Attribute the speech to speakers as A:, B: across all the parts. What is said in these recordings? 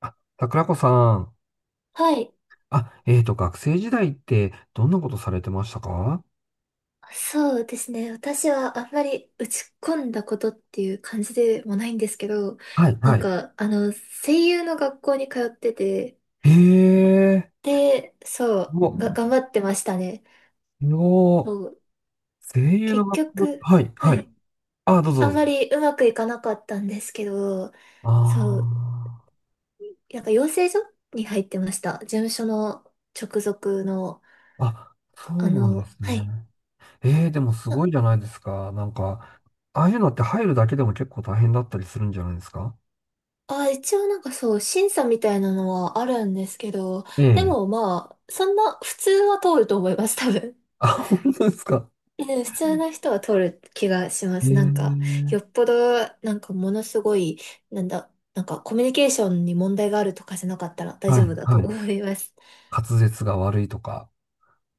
A: あ、桜子さん。
B: はい。
A: あ、学生時代ってどんなことされてましたか？
B: そうですね。私はあんまり打ち込んだことっていう感じでもないんですけど、
A: はい、
B: な
A: は
B: ん
A: い。
B: か、あの、声優の学校に通ってて、
A: ええ
B: で、そ
A: ー、
B: う、
A: お、
B: が、頑張ってましたね。
A: すご
B: そ
A: い。
B: う、
A: 声優の
B: 結
A: 学校、
B: 局、
A: はい、
B: は
A: はい。
B: い。
A: あ、どうぞ
B: あ
A: ど
B: ん
A: うぞ。
B: まりうまくいかなかったんですけど、
A: あ
B: そう、なんか養成所に入ってました。事務所の直属の、
A: あ、あ、そうなんです
B: はい。
A: ね。ええー、でもすごいじゃないですか。ああいうのって入るだけでも結構大変だったりするんじゃないですか？
B: 一応なんかそう、審査みたいなのはあるんですけど、
A: え
B: で
A: え。
B: もまあ、そんな、普通は通ると思います、多分。
A: あ、本当ですか。
B: うん、普通の人は通る気がしま
A: ええ
B: す。なんか、
A: ー、
B: よっぽど、なんかものすごい、なんかコミュニケーションに問題があるとかじゃなかったら大
A: は
B: 丈
A: い、
B: 夫だと
A: はい。
B: 思います。
A: 滑舌が悪いとか。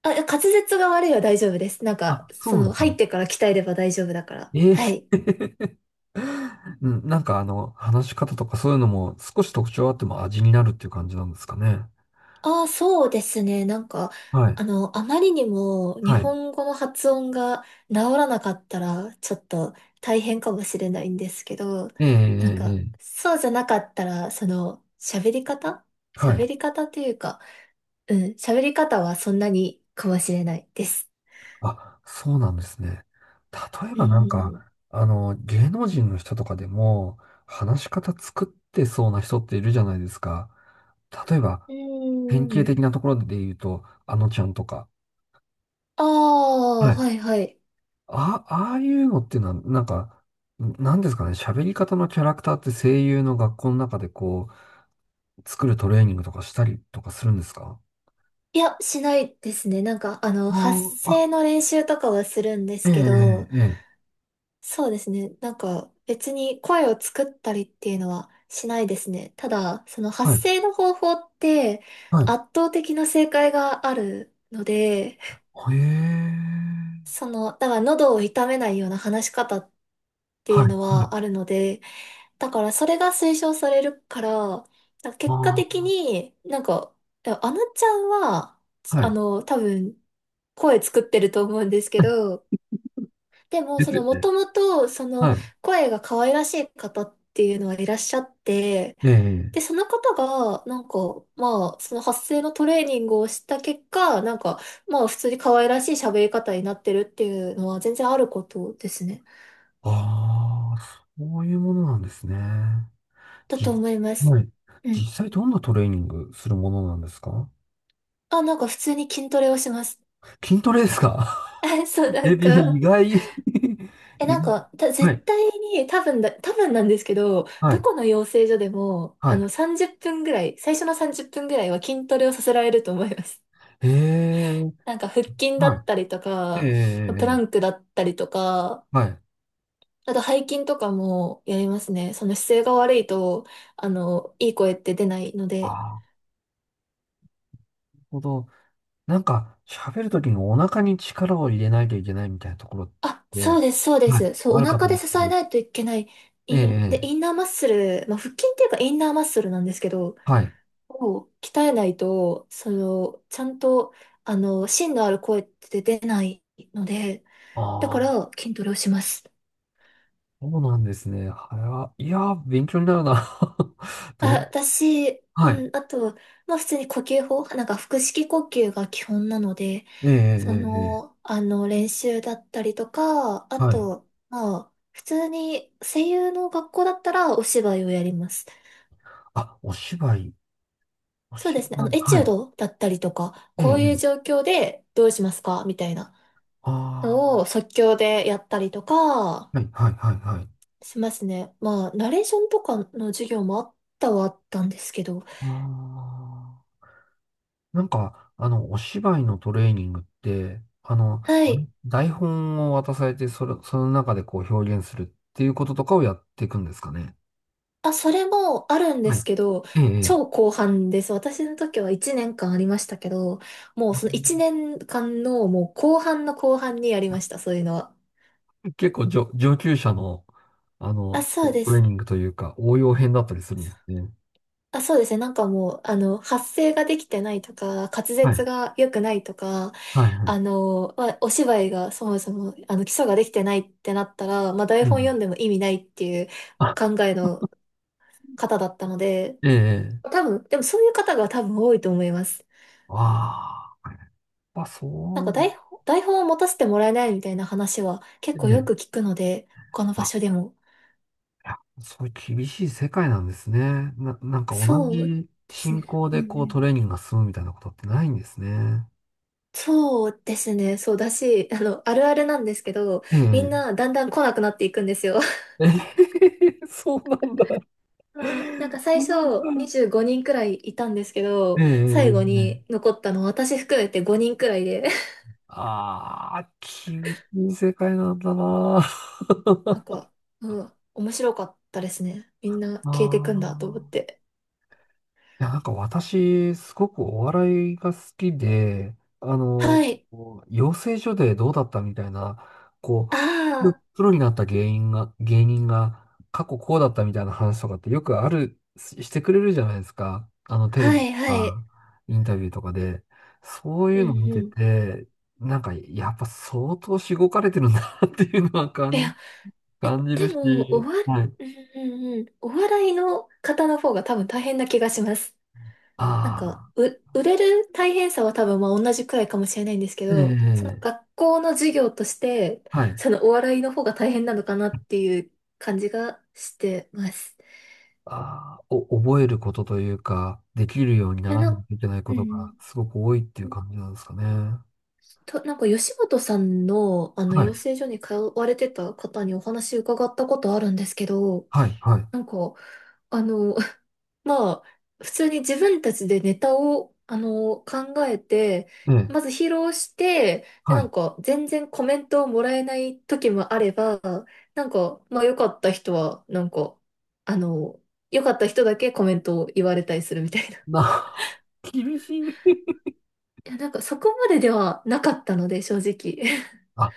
B: あ、いや滑舌が悪いは大丈夫です。なんか、
A: あ、そう
B: そ
A: なんで
B: の、
A: す
B: 入っ
A: か。
B: てから鍛えれば大丈夫だから。
A: ええ
B: はい。
A: ー、うん、話し方とかそういうのも少し特徴あっても味になるっていう感じなんですかね？
B: ああ、そうですね。
A: はい。
B: あまりにも日
A: はい。
B: 本語の発音が治らなかったら、ちょっと大変かもしれないんですけど、
A: ええ、え
B: なん
A: え、え
B: か、
A: え。
B: そうじゃなかったら、その、喋り方
A: はい。
B: 喋り方というか、うん、喋り方はそんなにかもしれないです。
A: あ、そうなんですね。例え
B: う
A: ば
B: ん。
A: 芸能人の人とかでも、話し方作ってそうな人っているじゃないですか。例えば、
B: う
A: 典型
B: ん。
A: 的なところで言うと、あのちゃんとか。
B: ああ、
A: はい。
B: はいはい。
A: あ、ああいうのっていうのは、なんですかね、喋り方のキャラクターって声優の学校の中でこう、作るトレーニングとかしたりとかするんですか？
B: いや、しないですね。なんか、あの、
A: あ
B: 発
A: ーあ、
B: 声の練習とかはするんで
A: え
B: す
A: え、え
B: けど、
A: え、ええ、
B: そうですね。なんか別に声を作ったりっていうのはしないですね。ただ、その
A: は
B: 発
A: い、
B: 声の方法って
A: は
B: 圧倒的な正解があるので、
A: い。へ え、
B: その、だから喉を痛めないような話し方って
A: は
B: い
A: い、
B: うの
A: はい。
B: はあるので、だからそれが推奨されるから、だから結果的
A: あ
B: になんか、あのちゃんは、
A: あ、は
B: あ
A: い。
B: の、多分声作ってると思うんですけ ど、でも、
A: で
B: そ
A: すよ
B: の、も
A: ね。
B: ともと、その、
A: はい。
B: 声が可愛らしい方っていうのはいらっしゃって、
A: ええ、
B: で、その方が、なんか、まあ、その発声のトレーニングをした結果、なんか、まあ、普通に可愛らしい喋り方になってるっていうのは全然あることですね。
A: ああ、そういうものなんですね。
B: だと
A: じ、
B: 思います。
A: はい。
B: う
A: 実
B: ん。
A: 際どんなトレーニングするものなんですか？
B: あ、なんか普通に筋トレをします。
A: 筋トレですか？
B: そう、な
A: え、
B: ん
A: 意
B: か、
A: 外。 意外。
B: なんか、
A: は
B: 絶
A: い、
B: 対に、多分なんですけど、
A: は
B: ど
A: い、
B: この養成所でも、
A: は
B: あ
A: い。
B: の、30分ぐらい、最初の30分ぐらいは筋トレをさせられると思います。
A: え え、
B: なんか、腹筋だ
A: はい。
B: ったりと
A: ええ、
B: か、プラ
A: ええ、
B: ンクだったりとか、
A: はい。
B: あと背筋とかもやりますね。その姿勢が悪いと、あの、いい声って出ないの
A: あ
B: で。
A: あ、なるほど。喋るときにお腹に力を入れないといけないみたいなところっ
B: あ、そ
A: て、
B: うです、そうで
A: はい、
B: す。そう、
A: あ
B: お
A: るかと
B: 腹
A: 思う
B: で
A: んで
B: 支
A: すけ
B: え
A: ど、
B: ないといけない。
A: え
B: で、
A: え、ええ、
B: インナーマッスル、まあ、腹筋っていうかインナーマッスルなんですけど、
A: はい。
B: を鍛えないと、その、ちゃんと、あの、芯のある声って出ないので、だ
A: あ
B: か
A: あ、
B: ら筋トレをします。
A: そうなんですね。いやー、勉強になるな。
B: あ、
A: どん、はい。
B: うん、あと、まあ普通に呼吸法、なんか腹式呼吸が基本なので、
A: ええ、ええ、
B: そ
A: ええ、え
B: の、あの、練習だったりとか、あ
A: え、はい。
B: と、まあ、普通に声優の学校だったらお芝居をやります。
A: あ、お芝居、お
B: そう
A: 芝
B: ですね。あの、
A: 居、
B: エチ
A: は
B: ュー
A: い。
B: ドだったりとか、
A: ええ、え
B: こういう
A: え、
B: 状況でどうしますかみたいな。
A: あ
B: を即興でやったりとか
A: あ、はい、はい、はい、はい。
B: しますね。まあ、ナレーションとかの授業もあったはあったんですけど。
A: ああ。お芝居のトレーニングって、
B: はい。
A: 台本を渡されて、その中でこう表現するっていうこととかをやっていくんですかね？
B: あ、それもあるんで
A: はい。
B: すけど、
A: ええ、え
B: 超
A: え、
B: 後半です。私の時は1年間ありましたけど、もうその
A: あ、
B: 1年間のもう後半の後半にやりました、そういうのは。
A: 結構上級者の、あ
B: あ、
A: の、
B: そうで
A: トレー
B: す。
A: ニングというか、応用編だったりするんですね。
B: あ、そうですね。なんかもう、あの、発声ができてないとか、滑
A: はい、
B: 舌が良くないとか、
A: はい、は
B: あ
A: い。
B: の、まあ、お芝居がそもそも、あの、基礎ができてないってなったら、まあ、台
A: え
B: 本読んで
A: え、
B: も意味ないっていう
A: あ、
B: 考えの方だったので、
A: ええ、ええ、
B: 多分、でもそういう方が多分多いと思います。
A: ああ、やっぱそ
B: なんか
A: う、
B: 台本を持たせてもらえないみたいな話は結構
A: ええ、
B: よく聞くので、他の場
A: あ、
B: 所でも。
A: いやそういう厳しい世界なんですね。なんか同
B: そう
A: じ
B: です
A: 進
B: ね。
A: 行
B: う
A: で
B: んう
A: こうト
B: ん、
A: レーニングが進むみたいなことってないんですね。
B: そうですね。そうだし、あの、あるあるなんですけど、
A: え
B: みん
A: え。
B: なだんだん来なくなっていくんですよ。
A: ええ、そうなんだ。
B: まあ、なんか
A: そ
B: 最
A: う
B: 初
A: なんですか。
B: 25人くらいいたんですけ
A: え
B: ど、最後
A: え、
B: に残ったの私含めて5人くらいで、
A: ああ、厳しい世界なんだな。
B: なんか、うん、面白かったですね。みんな 消えて
A: あ
B: くんだと思っ
A: あ。
B: て。
A: いや、私、すごくお笑いが好きで、
B: はい。
A: こう養成所でどうだったみたいな、こ
B: あ
A: う、プ
B: あ、
A: プロになった芸人が過去こうだったみたいな話とかってよくある、してくれるじゃないですか。テレ
B: は
A: ビと
B: いは
A: か、
B: い。
A: インタビューとかで。そうい
B: う
A: う
B: ん
A: の見て
B: うん。
A: て、やっぱ相当しごかれてるんだなっていうのは
B: い
A: 感じ、
B: や、
A: 感じる
B: で
A: し、
B: も、
A: はい。
B: うんうんうん。お笑いの方の方が多分大変な気がします。なんか、
A: あ
B: 売れる大変さは多分まあ同じくらいかもしれないんですけ
A: あ、え
B: ど、その
A: え、
B: 学校の授業として、
A: はい。
B: そのお笑いの方が大変なのかなっていう感じがしてます。
A: あー、お、覚えることというか、できるように
B: い
A: な
B: や、
A: らないといけないこ
B: う
A: とが
B: ん。
A: すごく多いっていう感じなんですかね？
B: なんか吉本さんのあの
A: は
B: 養
A: い、
B: 成所に通われてた方にお話伺ったことあるんですけど、
A: はい、はい。
B: なんか、あの、まあ、普通に自分たちでネタを、あの、考えて、
A: ええ、
B: まず披露して、で、
A: は
B: なん
A: い。
B: か、全然コメントをもらえない時もあれば、なんか、まあ、良かった人は、なんか、あの、良かった人だけコメントを言われたりするみたいな。
A: な、厳しい。
B: いや、なんか、そこまでではなかったので、正直。
A: あ、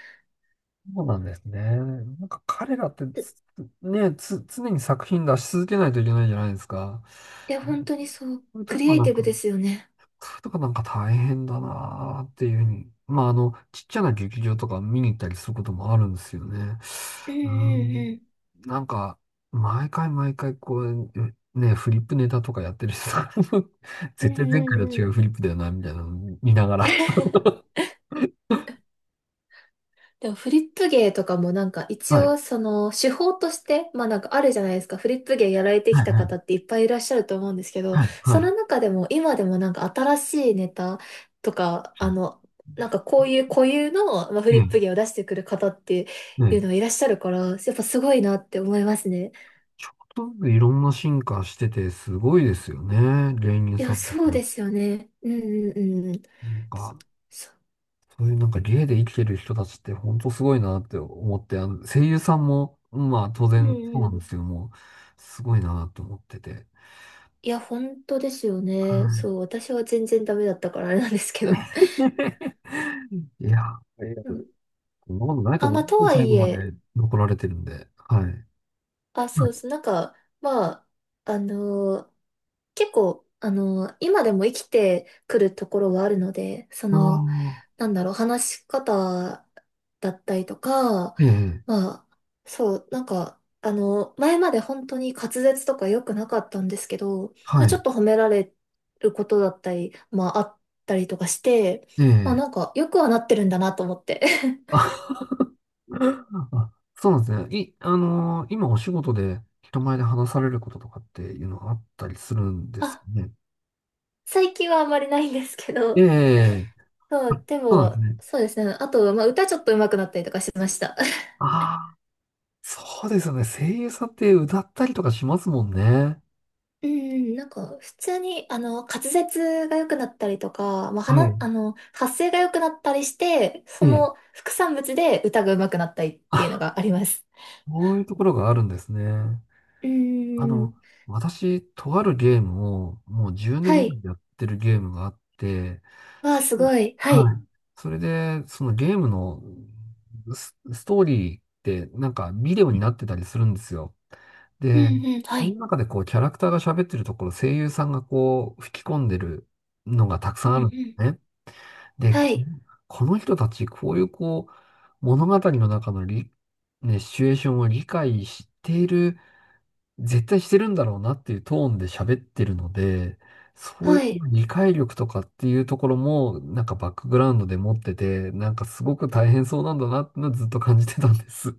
A: そうなんですね。彼らってつ、ね、つ、常に作品出し続けないといけないじゃないですか。
B: いや、本 当にそう、
A: そういうと
B: ク
A: こ
B: リ
A: が
B: エイ
A: な
B: テ
A: ん
B: ィブ
A: か、
B: ですよね。
A: そういうとこなんか大変だなーっていうふうに。まあ、ちっちゃな劇場とか見に行ったりすることもあるんですよね。
B: う
A: う
B: んう
A: ん、
B: ん
A: なんか、毎回毎回こう、ね、フリップネタとかやってる人が
B: うん。
A: 絶対前
B: うん
A: 回
B: う
A: と
B: ん
A: 違
B: う
A: う
B: ん。
A: フリップだよな、みたいなの見ながら。
B: でもフリップ芸とかもなんか一
A: はい。
B: 応その手法として、まあなんかあるじゃないですか。フリップ芸やられて
A: は
B: き
A: い、
B: た
A: はい、
B: 方っていっぱいいらっしゃると思うんですけど、
A: はい。は
B: その
A: い、
B: 中でも今でもなんか新しいネタとか、
A: そ
B: あ
A: う、
B: の、なんかこういう固有の、まあ、フ
A: え
B: リ
A: え、
B: ップ芸を出してくる方って
A: ね
B: いう
A: え。
B: のがいらっしゃるから、やっぱすごいなって思いますね。
A: ちょっとずついろんな進化してて、すごいですよね。芸人
B: い
A: さ
B: や、
A: んと
B: そう
A: か。
B: ですよね。うんうんうん。
A: なんか、
B: そ
A: そういう芸で生きてる人たちって本当すごいなって思って、声優さんも、まあ当
B: う
A: 然そう
B: んう
A: なん
B: ん。
A: ですけども、すごいなと思ってて。
B: いや、本当ですよね。
A: は
B: そ
A: い。
B: う、私は全然ダメだったからあれなんですけど。
A: いや、いや、
B: う
A: そ
B: ん、
A: んなことないと
B: あ、
A: 思う
B: ま
A: ん
B: あ、と
A: です。
B: は
A: 最
B: い
A: 後ま
B: え、
A: で残られてるんで。はい。
B: あ、そ
A: は
B: う
A: い。
B: です。なんか、まあ、あのー結構、今でも生きてくるところはあるので、そ
A: あ
B: の、
A: あ、
B: なんだろう、話し方だったりとか、
A: ええ、
B: まあ、そう、なんか、あの、前まで本当に滑舌とか良くなかったんですけど、ま
A: は
B: あ、ち
A: い。
B: ょっと褒められることだったり、まあ、あったりとかして、
A: え
B: まあ、
A: え。
B: なんか、よくはなってるんだなと思って。
A: あ、あ、そうなんですね。い、あのー今お仕事で人前で話されることとかっていうのはあったりするん ですか
B: あ、
A: ね？
B: 最近はあんまりないんですけ
A: え
B: ど、
A: え。
B: そ
A: あ、
B: う、で
A: そうなんです
B: も、
A: ね。
B: そうですね。あと、まあ、歌ちょっと上手くなったりとかしました。
A: ああ、そうですよね。声優さんって歌ったりとかしますもんね。
B: うん、なんか、普通に、あの、滑舌が良くなったりとか、まあ、
A: は
B: 話、
A: い。
B: あの、発声が良くなったりして、
A: え
B: そ
A: え。
B: の副産物で歌が上手くなったりっていうの
A: あ、
B: があります。
A: こういうところがあるんですね。
B: う
A: あ
B: ん、
A: の、私、とあるゲームをもう10
B: は
A: 年ぐら
B: い。
A: いやってるゲームがあって、
B: わ
A: そ
B: あ、すごい。はい。
A: はい。それで、そのゲームのストーリーってビデオになってたりするんですよ。
B: う
A: で、
B: んうん、は
A: その
B: い。
A: 中でこうキャラクターが喋ってるところ、声優さんがこう吹き込んでるのがたくさ
B: う
A: ん
B: んう
A: あるんで
B: ん。
A: すね。で、
B: は
A: こ
B: い。
A: この人たち、こういうこう、物語の中のり、ね、シチュエーションを理解している、絶対してるんだろうなっていうトーンで喋ってるので、そういう
B: はい。
A: 理解力とかっていうところも、バックグラウンドで持ってて、すごく大変そうなんだなってのはずっと感じてたんです。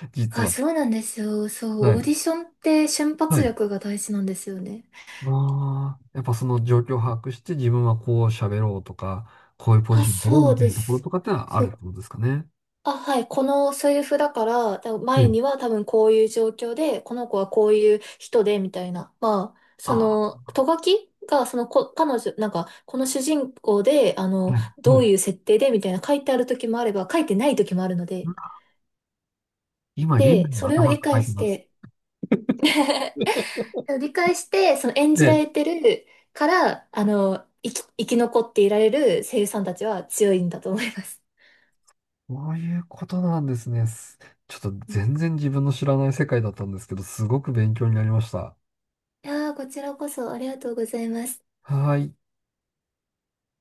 A: 実
B: あ、
A: は。
B: そうなんですよ。そ
A: は
B: う、オ
A: い。
B: ーディションって瞬
A: は
B: 発
A: い。
B: 力が大事なんですよね。
A: ああ、やっぱその状況を把握して自分はこう喋ろうとか、こういうポジ
B: あ、
A: ション取ろう
B: そう
A: みたい
B: で
A: なところ
B: す。
A: とかってのはあ
B: そ
A: るって
B: う、
A: ことですかね？
B: あ、はい。このセリフだから、多分
A: え
B: 前
A: え。
B: には多分こういう状況で、この子はこういう人で、みたいな。まあ、そ
A: あ
B: の、ト書きが、そのこ、彼女、なんか、この主人公で、あ
A: あ、
B: の、
A: はい。
B: ど
A: は
B: ういう
A: い。
B: 設定で、みたいな書いてある時もあれば、書いてない時もあるので。
A: 今、現
B: で、
A: 代の
B: それを
A: 頭
B: 理
A: 抱
B: 解
A: えて
B: し
A: ます。
B: て、理解して、その演
A: え
B: じら
A: え、
B: れてるから、あの、生き残っていられる声優さんたちは強いんだと思います。
A: そういうことなんですね。ちょっと
B: うん、
A: 全然自分の知らない世界だったんですけど、すごく勉強になりました。
B: いやー、こちらこそありがとうございます。
A: はーい。